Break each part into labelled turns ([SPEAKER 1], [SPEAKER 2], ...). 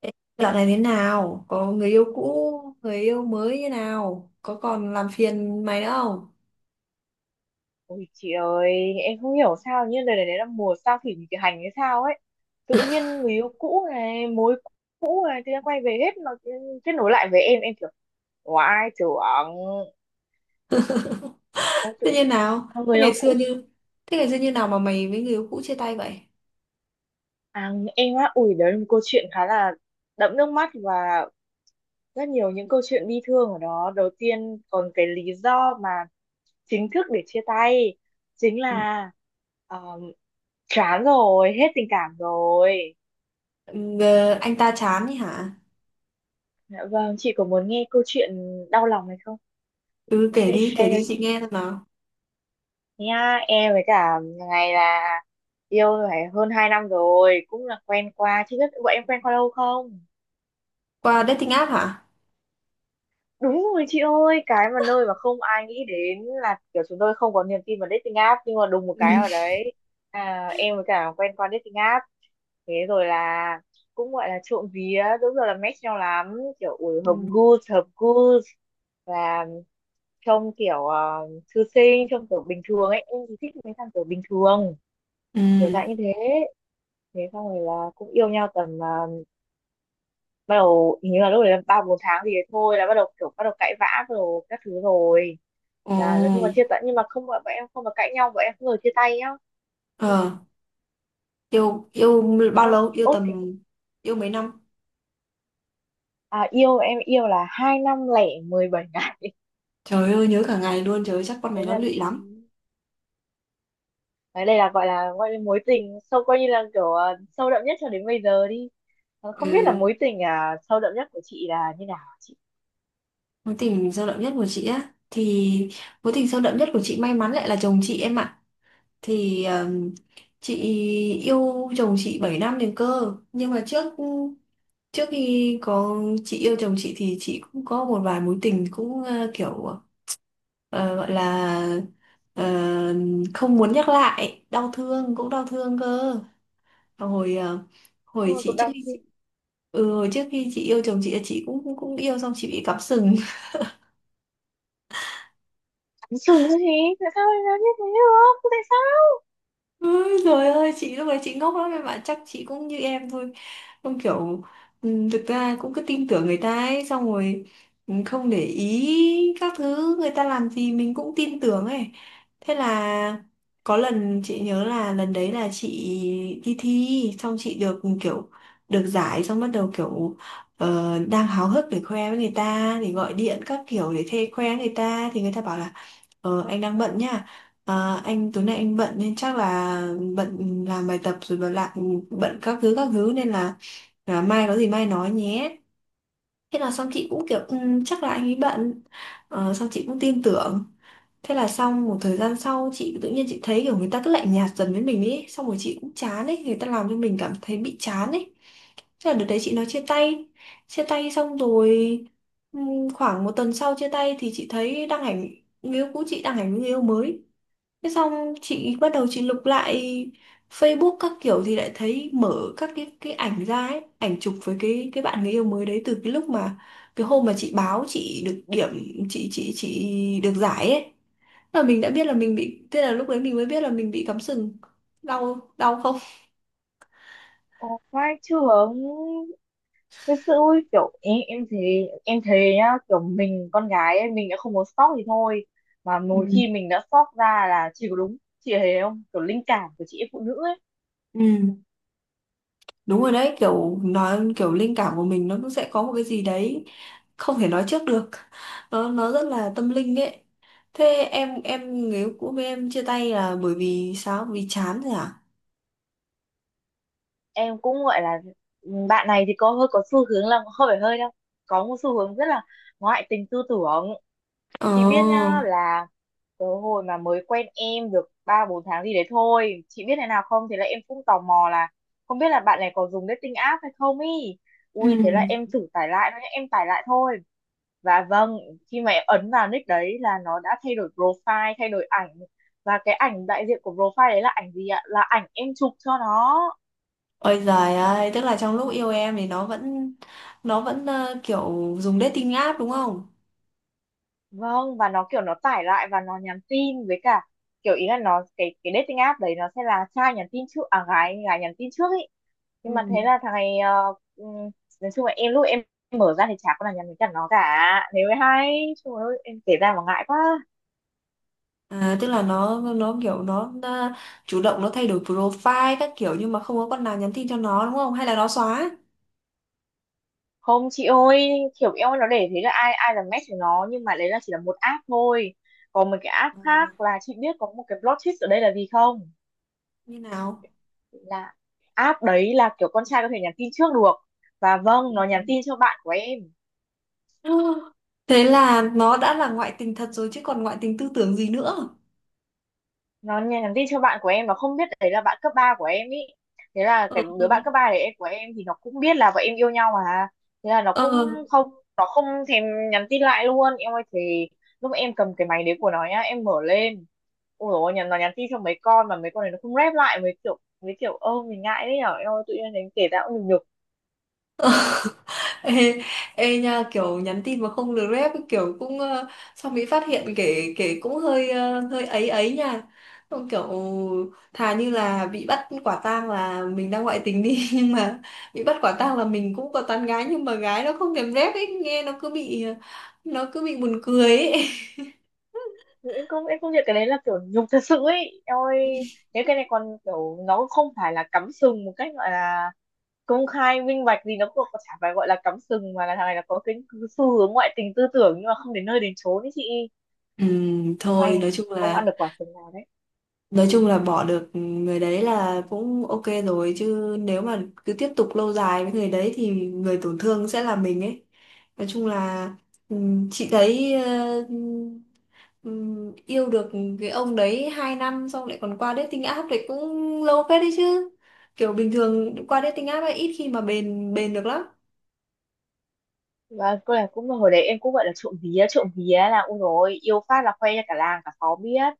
[SPEAKER 1] Ê, dạo này thế nào? Có người yêu cũ, người yêu mới như nào? Có còn làm phiền mày nữa không?
[SPEAKER 2] Ôi chị ơi, em không hiểu sao nhưng đời này là mùa sao thủy nghịch hành hay sao ấy. Tự nhiên người yêu cũ này, mối cũ này, tự nhiên quay về hết, nó kết nối lại với em kiểu oai trưởng. Em
[SPEAKER 1] Thế
[SPEAKER 2] Tự,
[SPEAKER 1] như nào?
[SPEAKER 2] người
[SPEAKER 1] Thế
[SPEAKER 2] yêu
[SPEAKER 1] ngày xưa
[SPEAKER 2] cũ
[SPEAKER 1] như thế ngày xưa như nào mà mày với người yêu cũ chia tay vậy?
[SPEAKER 2] em á, ui đấy là một câu chuyện khá là đẫm nước mắt và rất nhiều những câu chuyện bi thương ở đó. Đầu tiên còn cái lý do mà chính thức để chia tay chính
[SPEAKER 1] Ừ,
[SPEAKER 2] là ờ, chán rồi, hết tình cảm rồi.
[SPEAKER 1] ờ, anh ta chán ấy hả?
[SPEAKER 2] Dạ vâng, chị có muốn nghe câu chuyện đau lòng này không?
[SPEAKER 1] Ừ,
[SPEAKER 2] Em sẽ
[SPEAKER 1] kể
[SPEAKER 2] share cho
[SPEAKER 1] đi chị
[SPEAKER 2] chị.
[SPEAKER 1] nghe xem nào.
[SPEAKER 2] Nha, em với cả ngày là yêu phải hơn 2 năm rồi, cũng là quen qua. Chị biết bọn em quen qua lâu không?
[SPEAKER 1] Qua dating app hả?
[SPEAKER 2] Đúng rồi chị ơi, cái mà nơi mà không ai nghĩ đến là kiểu chúng tôi không có niềm tin vào dating app, nhưng mà đùng một cái ở đấy em với cả quen qua dating app, thế rồi là cũng gọi là trộm vía, đúng rồi, là match nhau lắm, kiểu ui
[SPEAKER 1] Ừ.
[SPEAKER 2] hợp gu hợp gu, là trông kiểu thư sinh, trông kiểu bình thường ấy, em thì thích mấy thằng kiểu bình thường,
[SPEAKER 1] Ừ.
[SPEAKER 2] kiểu
[SPEAKER 1] Ừ.
[SPEAKER 2] dạng như thế. Thế xong rồi là cũng yêu nhau tầm bắt đầu hình như là lúc đấy là ba bốn tháng gì đấy thôi, là bắt đầu cãi vã rồi các thứ rồi,
[SPEAKER 1] Ồ.
[SPEAKER 2] là nói chung là chia tay, nhưng mà không, bọn em không có cãi nhau, bọn em không bao giờ chia tay nhá.
[SPEAKER 1] Ờ, yêu yêu bao
[SPEAKER 2] Không
[SPEAKER 1] lâu? Yêu
[SPEAKER 2] ốt thì
[SPEAKER 1] tầm yêu mấy năm?
[SPEAKER 2] yêu, em yêu là 2 năm lẻ 17 ngày
[SPEAKER 1] Trời ơi nhớ cả ngày luôn, trời ơi chắc con này
[SPEAKER 2] đấy
[SPEAKER 1] nó
[SPEAKER 2] là
[SPEAKER 1] lụy lắm.
[SPEAKER 2] đấy. Đây là gọi là gọi là mối tình sâu, coi như là kiểu sâu đậm nhất cho đến bây giờ đi. Ờ, không biết là
[SPEAKER 1] Ừ.
[SPEAKER 2] mối tình sâu đậm nhất của chị là như nào hả chị?
[SPEAKER 1] Mối tình sâu đậm nhất của chị á thì mối tình sâu đậm nhất của chị may mắn lại là chồng chị em ạ. Thì chị yêu chồng chị 7 năm liền cơ, nhưng mà trước trước khi có, chị yêu chồng chị thì chị cũng có một vài mối tình cũng kiểu gọi là ờ, không muốn nhắc lại, đau thương cũng đau thương cơ. hồi ờ,
[SPEAKER 2] Nhưng
[SPEAKER 1] hồi
[SPEAKER 2] mà
[SPEAKER 1] chị
[SPEAKER 2] cũng
[SPEAKER 1] trước
[SPEAKER 2] đau
[SPEAKER 1] khi chị,
[SPEAKER 2] thương
[SPEAKER 1] ừ, hồi trước khi chị yêu chồng chị cũng cũng cũng yêu xong chị bị cắm sừng.
[SPEAKER 2] sừng thôi chị, tại sao lại làm như thế được, tại sao?
[SPEAKER 1] Ôi trời ơi, chị lúc đấy chị ngốc lắm em ạ, chắc chị cũng như em thôi, không kiểu, ừ, thực ra cũng cứ tin tưởng người ta ấy, xong rồi, ừ, không để ý các thứ người ta làm gì, mình cũng tin tưởng ấy. Thế là có lần chị nhớ là lần đấy là chị đi thi xong chị được, ừ, kiểu được giải, xong bắt đầu kiểu đang háo hức để khoe với người ta thì gọi điện các kiểu để thê khoe người ta, thì người ta bảo là: "Ờ, anh đang bận nha. À, anh tối nay anh bận nên chắc là bận làm bài tập rồi, bận lại bận các thứ các thứ, nên là mai có gì mai nói nhé." Thế là xong chị cũng kiểu: "Ừ, chắc là anh ấy bận." Ờ, xong chị cũng tin tưởng. Thế là xong một thời gian sau, chị tự nhiên chị thấy kiểu người ta cứ lạnh nhạt dần với mình ấy. Xong rồi chị cũng chán ấy, người ta làm cho mình cảm thấy bị chán ấy. Thế là đợt đấy chị nói chia tay. Chia tay xong rồi, khoảng 1 tuần sau chia tay thì chị thấy đăng ảnh, người yêu cũ chị đăng ảnh với người yêu mới. Thế xong chị bắt đầu chị lục lại Facebook các kiểu, thì lại thấy mở các cái ảnh ra ấy, ảnh chụp với cái bạn người yêu mới đấy. Từ cái lúc mà cái hôm mà chị báo chị được điểm, chị được giải ấy, là mình đã biết là mình bị, thế là lúc đấy mình mới biết là mình bị cắm sừng. Đau đau không?
[SPEAKER 2] Ồ, vai trưởng thật sự ui, kiểu em thấy nhá, kiểu mình con gái ấy, mình đã không muốn stalk thì thôi, mà
[SPEAKER 1] Ừ,
[SPEAKER 2] một khi mình đã stalk ra là chỉ có đúng. Chị thấy không, kiểu linh cảm của chị em phụ nữ ấy.
[SPEAKER 1] ừ, đúng rồi đấy, kiểu nói kiểu linh cảm của mình nó cũng sẽ có một cái gì đấy không thể nói trước được, nó rất là tâm linh ấy. Thế em người yêu cũ với em chia tay là bởi vì sao, vì chán rồi à?
[SPEAKER 2] Em cũng gọi là ừ, bạn này thì có hơi có xu hướng là hơi phải hơi đâu, có một xu hướng rất là ngoại tình tư tưởng.
[SPEAKER 1] ờ
[SPEAKER 2] Chị biết nhá, là cái hồi mà mới quen em được ba bốn tháng gì đấy thôi, chị biết thế nào không, thế là em cũng tò mò là không biết là bạn này có dùng dating app hay không ý.
[SPEAKER 1] ừ
[SPEAKER 2] Ui thế là em thử tải lại thôi nhá, em tải lại thôi. Và vâng, khi mà em ấn vào nick đấy là nó đã thay đổi profile, thay đổi ảnh. Và cái ảnh đại diện của profile đấy là ảnh gì ạ? Là ảnh em chụp cho nó.
[SPEAKER 1] Ôi giời ơi, tức là trong lúc yêu em thì nó vẫn, kiểu dùng dating app đúng không?
[SPEAKER 2] Vâng, và nó kiểu nó tải lại và nó nhắn tin với cả, kiểu ý là nó, cái dating app đấy nó sẽ là trai nhắn tin trước à gái gái nhắn tin trước ý,
[SPEAKER 1] Ừ.
[SPEAKER 2] nhưng mà thế là thằng này nói chung là em lúc em mở ra thì chả có là nhắn với cả nó cả, thế mới hay. Trời ơi em kể ra mà ngại quá.
[SPEAKER 1] À, tức là nó nó chủ động nó thay đổi profile các kiểu nhưng mà không có con nào nhắn tin cho nó đúng không? Hay là nó xóa?
[SPEAKER 2] Không chị ơi, kiểu em nó để thế là ai ai là match của nó, nhưng mà đấy là chỉ là một app thôi, còn một cái app
[SPEAKER 1] Ừ,
[SPEAKER 2] khác, là chị biết có một cái plot twist ở đây là gì không?
[SPEAKER 1] như nào?
[SPEAKER 2] Là app đấy là kiểu con trai có thể nhắn tin trước được, và vâng, nó nhắn tin cho bạn của em.
[SPEAKER 1] Ừ. Thế là nó đã là ngoại tình thật rồi chứ còn ngoại tình tư tưởng gì nữa.
[SPEAKER 2] Nó nhắn tin cho bạn của em Nó không biết đấy là bạn cấp 3 của em ý. Thế là
[SPEAKER 1] Ừ.
[SPEAKER 2] cái đứa bạn cấp 3 đấy, em của em thì nó cũng biết là bọn em yêu nhau mà. Thế là nó cũng
[SPEAKER 1] Ừ.
[SPEAKER 2] không nó không thèm nhắn tin lại luôn em ơi. Thì lúc em cầm cái máy đấy của nó nhá, em mở lên, ôi dồi ôi, nhắn, nó nhắn tin cho mấy con mà mấy con này nó không rep lại, mấy kiểu ơ mình ngại đấy nhở em ơi, tự nhiên đến kể ra cũng nhục nhục.
[SPEAKER 1] Ê, ê nha, kiểu nhắn tin mà không được rep kiểu cũng xong bị phát hiện kể kể cũng hơi hơi ấy ấy nha. Xong kiểu thà như là bị bắt quả tang là mình đang ngoại tình đi nhưng mà bị bắt quả tang là mình cũng có tán gái nhưng mà gái nó không thèm rep ấy, nghe nó cứ bị, nó cứ bị buồn cười ấy.
[SPEAKER 2] Ừ, em không nhận cái đấy, là kiểu nhục thật sự ấy em ơi. Thế cái này còn kiểu nó không phải là cắm sừng một cách gọi là công khai minh bạch gì, nó cũng có chả phải gọi là cắm sừng, mà là thằng này là có cái xu hướng ngoại tình tư tưởng nhưng mà không đến nơi đến chốn đấy chị.
[SPEAKER 1] Ừ, thôi
[SPEAKER 2] May
[SPEAKER 1] nói chung
[SPEAKER 2] không ăn
[SPEAKER 1] là,
[SPEAKER 2] được quả sừng nào đấy.
[SPEAKER 1] nói chung là bỏ được người đấy là cũng ok rồi, chứ nếu mà cứ tiếp tục lâu dài với người đấy thì người tổn thương sẽ là mình ấy. Nói chung là, chị thấy yêu được cái ông đấy 2 năm xong lại còn qua dating app thì cũng lâu phết đấy chứ. Kiểu bình thường qua dating app ấy ít khi mà bền bền được lắm.
[SPEAKER 2] Và cô này cũng hồi đấy em cũng gọi là trộm vía, trộm vía là ui rồi yêu phát là khoe cho cả làng cả xóm biết,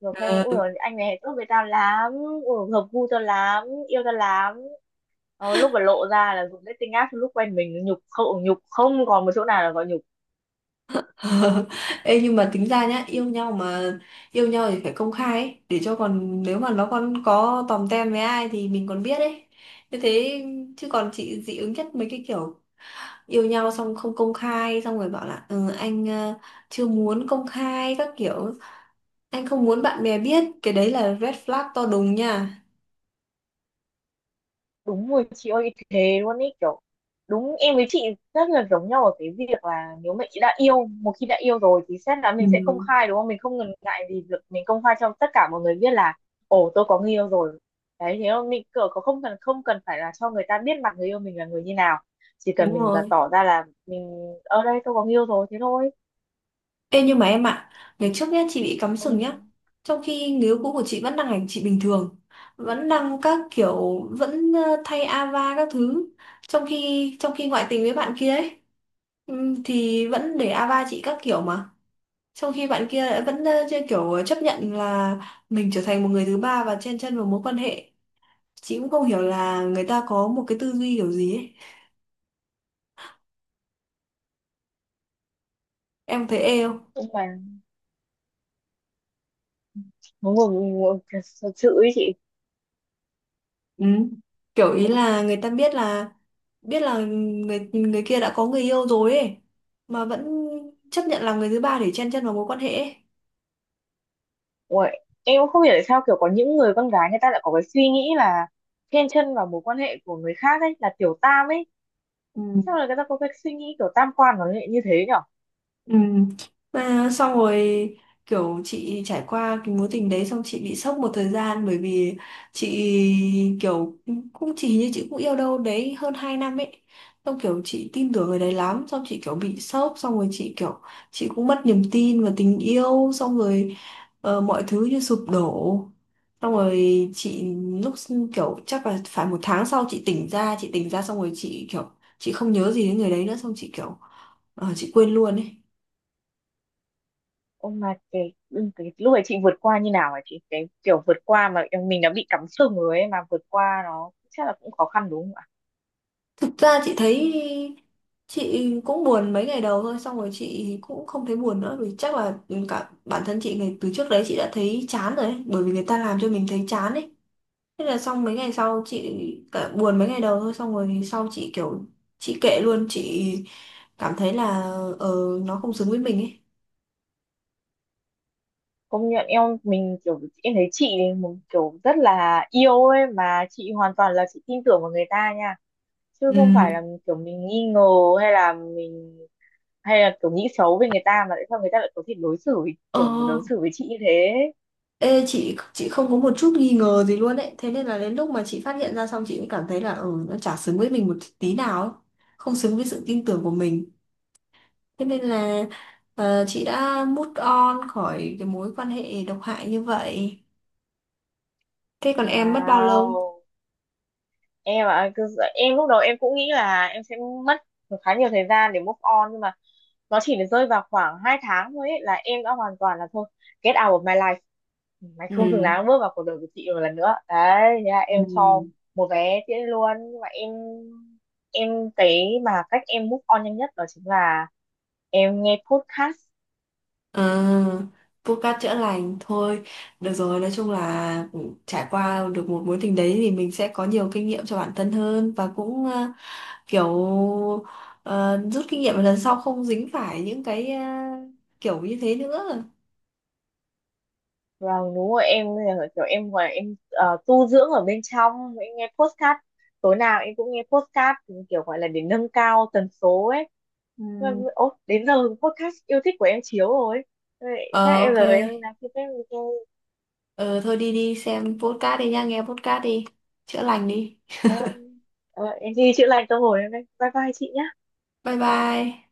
[SPEAKER 2] rồi khoe ui rồi anh này tốt với tao lắm, ui hợp gu tao lắm, yêu tao lắm. Lúc mà lộ ra là dùng dating app lúc quen mình, nhục không, nhục không còn một chỗ nào là gọi nhục.
[SPEAKER 1] Ờ, ê, nhưng mà tính ra nhá, yêu nhau thì phải công khai ấy, để cho còn nếu mà nó còn có tòm tem với ai thì mình còn biết ấy, như thế. Chứ còn chị dị ứng nhất mấy cái kiểu yêu nhau xong không công khai, xong rồi bảo là ừ, chưa muốn công khai các kiểu, anh không muốn bạn bè biết, cái đấy là red flag to đùng nha.
[SPEAKER 2] Đúng rồi chị ơi, thế luôn ý, kiểu đúng, em với chị rất là giống nhau ở cái việc là nếu mà chị đã yêu, một khi đã yêu rồi thì xét là
[SPEAKER 1] Ừ,
[SPEAKER 2] mình sẽ công khai, đúng không, mình không ngần ngại gì việc mình công khai cho tất cả mọi người biết là ồ tôi có người yêu rồi. Đấy, thế không mình kiểu có, không cần phải là cho người ta biết mặt người yêu mình là người như nào, chỉ cần
[SPEAKER 1] đúng
[SPEAKER 2] mình là
[SPEAKER 1] rồi.
[SPEAKER 2] tỏ ra là mình ở đây tôi có người yêu rồi, thế thôi.
[SPEAKER 1] Ê nhưng mà em ạ, ngày trước nhá chị bị cắm sừng nhá.
[SPEAKER 2] nhưng
[SPEAKER 1] Trong khi người yêu cũ của chị vẫn đang hành chị bình thường, vẫn đang các kiểu vẫn thay ava các thứ, trong khi ngoại tình với bạn kia ấy, thì vẫn để ava chị các kiểu mà. Trong khi bạn kia lại vẫn chơi kiểu chấp nhận là mình trở thành một người thứ ba và chen chân vào mối quan hệ. Chị cũng không hiểu là người ta có một cái tư duy kiểu gì ấy. Em thấy ê không?
[SPEAKER 2] nhưng mà ngồi ngồi thật sự ý chị.
[SPEAKER 1] Ừ. Kiểu ý là người ta biết là người người kia đã có người yêu rồi ấy, mà vẫn chấp nhận làm người thứ ba để chen chân vào mối quan hệ ấy.
[SPEAKER 2] Uầy, em cũng không hiểu tại sao kiểu có những người con gái người ta lại có cái suy nghĩ là chen chân vào mối quan hệ của người khác ấy, là tiểu tam ấy, sao
[SPEAKER 1] Ừ.
[SPEAKER 2] là người ta có cái suy nghĩ kiểu tam quan nó lại như thế nhở.
[SPEAKER 1] Ừ. Mà xong rồi kiểu chị trải qua cái mối tình đấy xong chị bị sốc một thời gian, bởi vì chị kiểu cũng chỉ như chị cũng yêu đâu đấy hơn 2 năm ấy, xong kiểu chị tin tưởng người đấy lắm, xong chị kiểu bị sốc, xong rồi chị kiểu chị cũng mất niềm tin vào tình yêu, xong rồi mọi thứ như sụp đổ, xong rồi chị lúc chắc là phải 1 tháng sau chị tỉnh ra, chị tỉnh ra xong rồi chị kiểu chị không nhớ gì đến người đấy nữa, xong chị kiểu chị quên luôn ấy.
[SPEAKER 2] Ông mà cái, cái lúc ấy chị vượt qua như nào hả chị, cái kiểu vượt qua mà mình đã bị cắm sừng rồi ấy, mà vượt qua nó chắc là cũng khó khăn đúng không?
[SPEAKER 1] Thực ra chị thấy chị cũng buồn mấy ngày đầu thôi, xong rồi chị cũng không thấy buồn nữa, vì chắc là cả bản thân chị ngày từ trước đấy chị đã thấy chán rồi ấy, bởi vì người ta làm cho mình thấy chán ấy. Thế là xong mấy ngày sau chị, cả buồn mấy ngày đầu thôi xong rồi sau chị kiểu chị kệ luôn, chị cảm thấy là ờ nó không xứng với mình ấy.
[SPEAKER 2] Công nhận em, mình kiểu em thấy chị ấy một kiểu rất là yêu ấy, mà chị hoàn toàn là chị tin tưởng vào người ta nha, chứ không
[SPEAKER 1] ừ
[SPEAKER 2] phải là kiểu mình nghi ngờ, hay là mình hay là kiểu nghĩ xấu về người ta, mà tại sao người ta lại có thể đối xử với,
[SPEAKER 1] ờ
[SPEAKER 2] kiểu đối xử với chị như thế.
[SPEAKER 1] Ê, chị không có một chút nghi ngờ gì luôn ấy, thế nên là đến lúc mà chị phát hiện ra xong chị cũng cảm thấy là ờ nó chả xứng với mình một tí nào ấy, không xứng với sự tin tưởng của mình. Thế nên là chị đã move on khỏi cái mối quan hệ độc hại như vậy. Thế còn em mất bao lâu?
[SPEAKER 2] Wow em ạ, em lúc đầu em cũng nghĩ là em sẽ mất khá nhiều thời gian để move on, nhưng mà nó chỉ được rơi vào khoảng 2 tháng thôi ấy, là em đã hoàn toàn là thôi, get out of my life, mày
[SPEAKER 1] Ừ.
[SPEAKER 2] không xứng đáng bước vào cuộc đời của chị một lần nữa đấy, thế là
[SPEAKER 1] Ừ.
[SPEAKER 2] em cho một vé tiễn luôn. Nhưng mà em, cái mà cách em move on nhanh nhất đó chính là em nghe podcast.
[SPEAKER 1] À, vô cát chữa lành thôi. Được rồi, nói chung là trải qua được một mối tình đấy thì mình sẽ có nhiều kinh nghiệm cho bản thân hơn, và cũng kiểu ờ, rút kinh nghiệm lần sau không dính phải những cái kiểu như thế nữa.
[SPEAKER 2] Và đúng rồi em, kiểu em gọi em tu dưỡng ở bên trong, em nghe podcast, tối nào em cũng nghe podcast, kiểu gọi là để nâng cao tần số ấy.
[SPEAKER 1] Ừ.
[SPEAKER 2] Ôi đến giờ podcast yêu thích của em chiếu rồi. Thôi
[SPEAKER 1] Ờ
[SPEAKER 2] em
[SPEAKER 1] ok.
[SPEAKER 2] rồi em làm gì đấy,
[SPEAKER 1] Ờ thôi, đi đi xem podcast đi nha, nghe podcast đi. Chữa lành đi.
[SPEAKER 2] em đi chữa lành tâm hồn em đây, bye bye chị nhé.
[SPEAKER 1] Bye bye.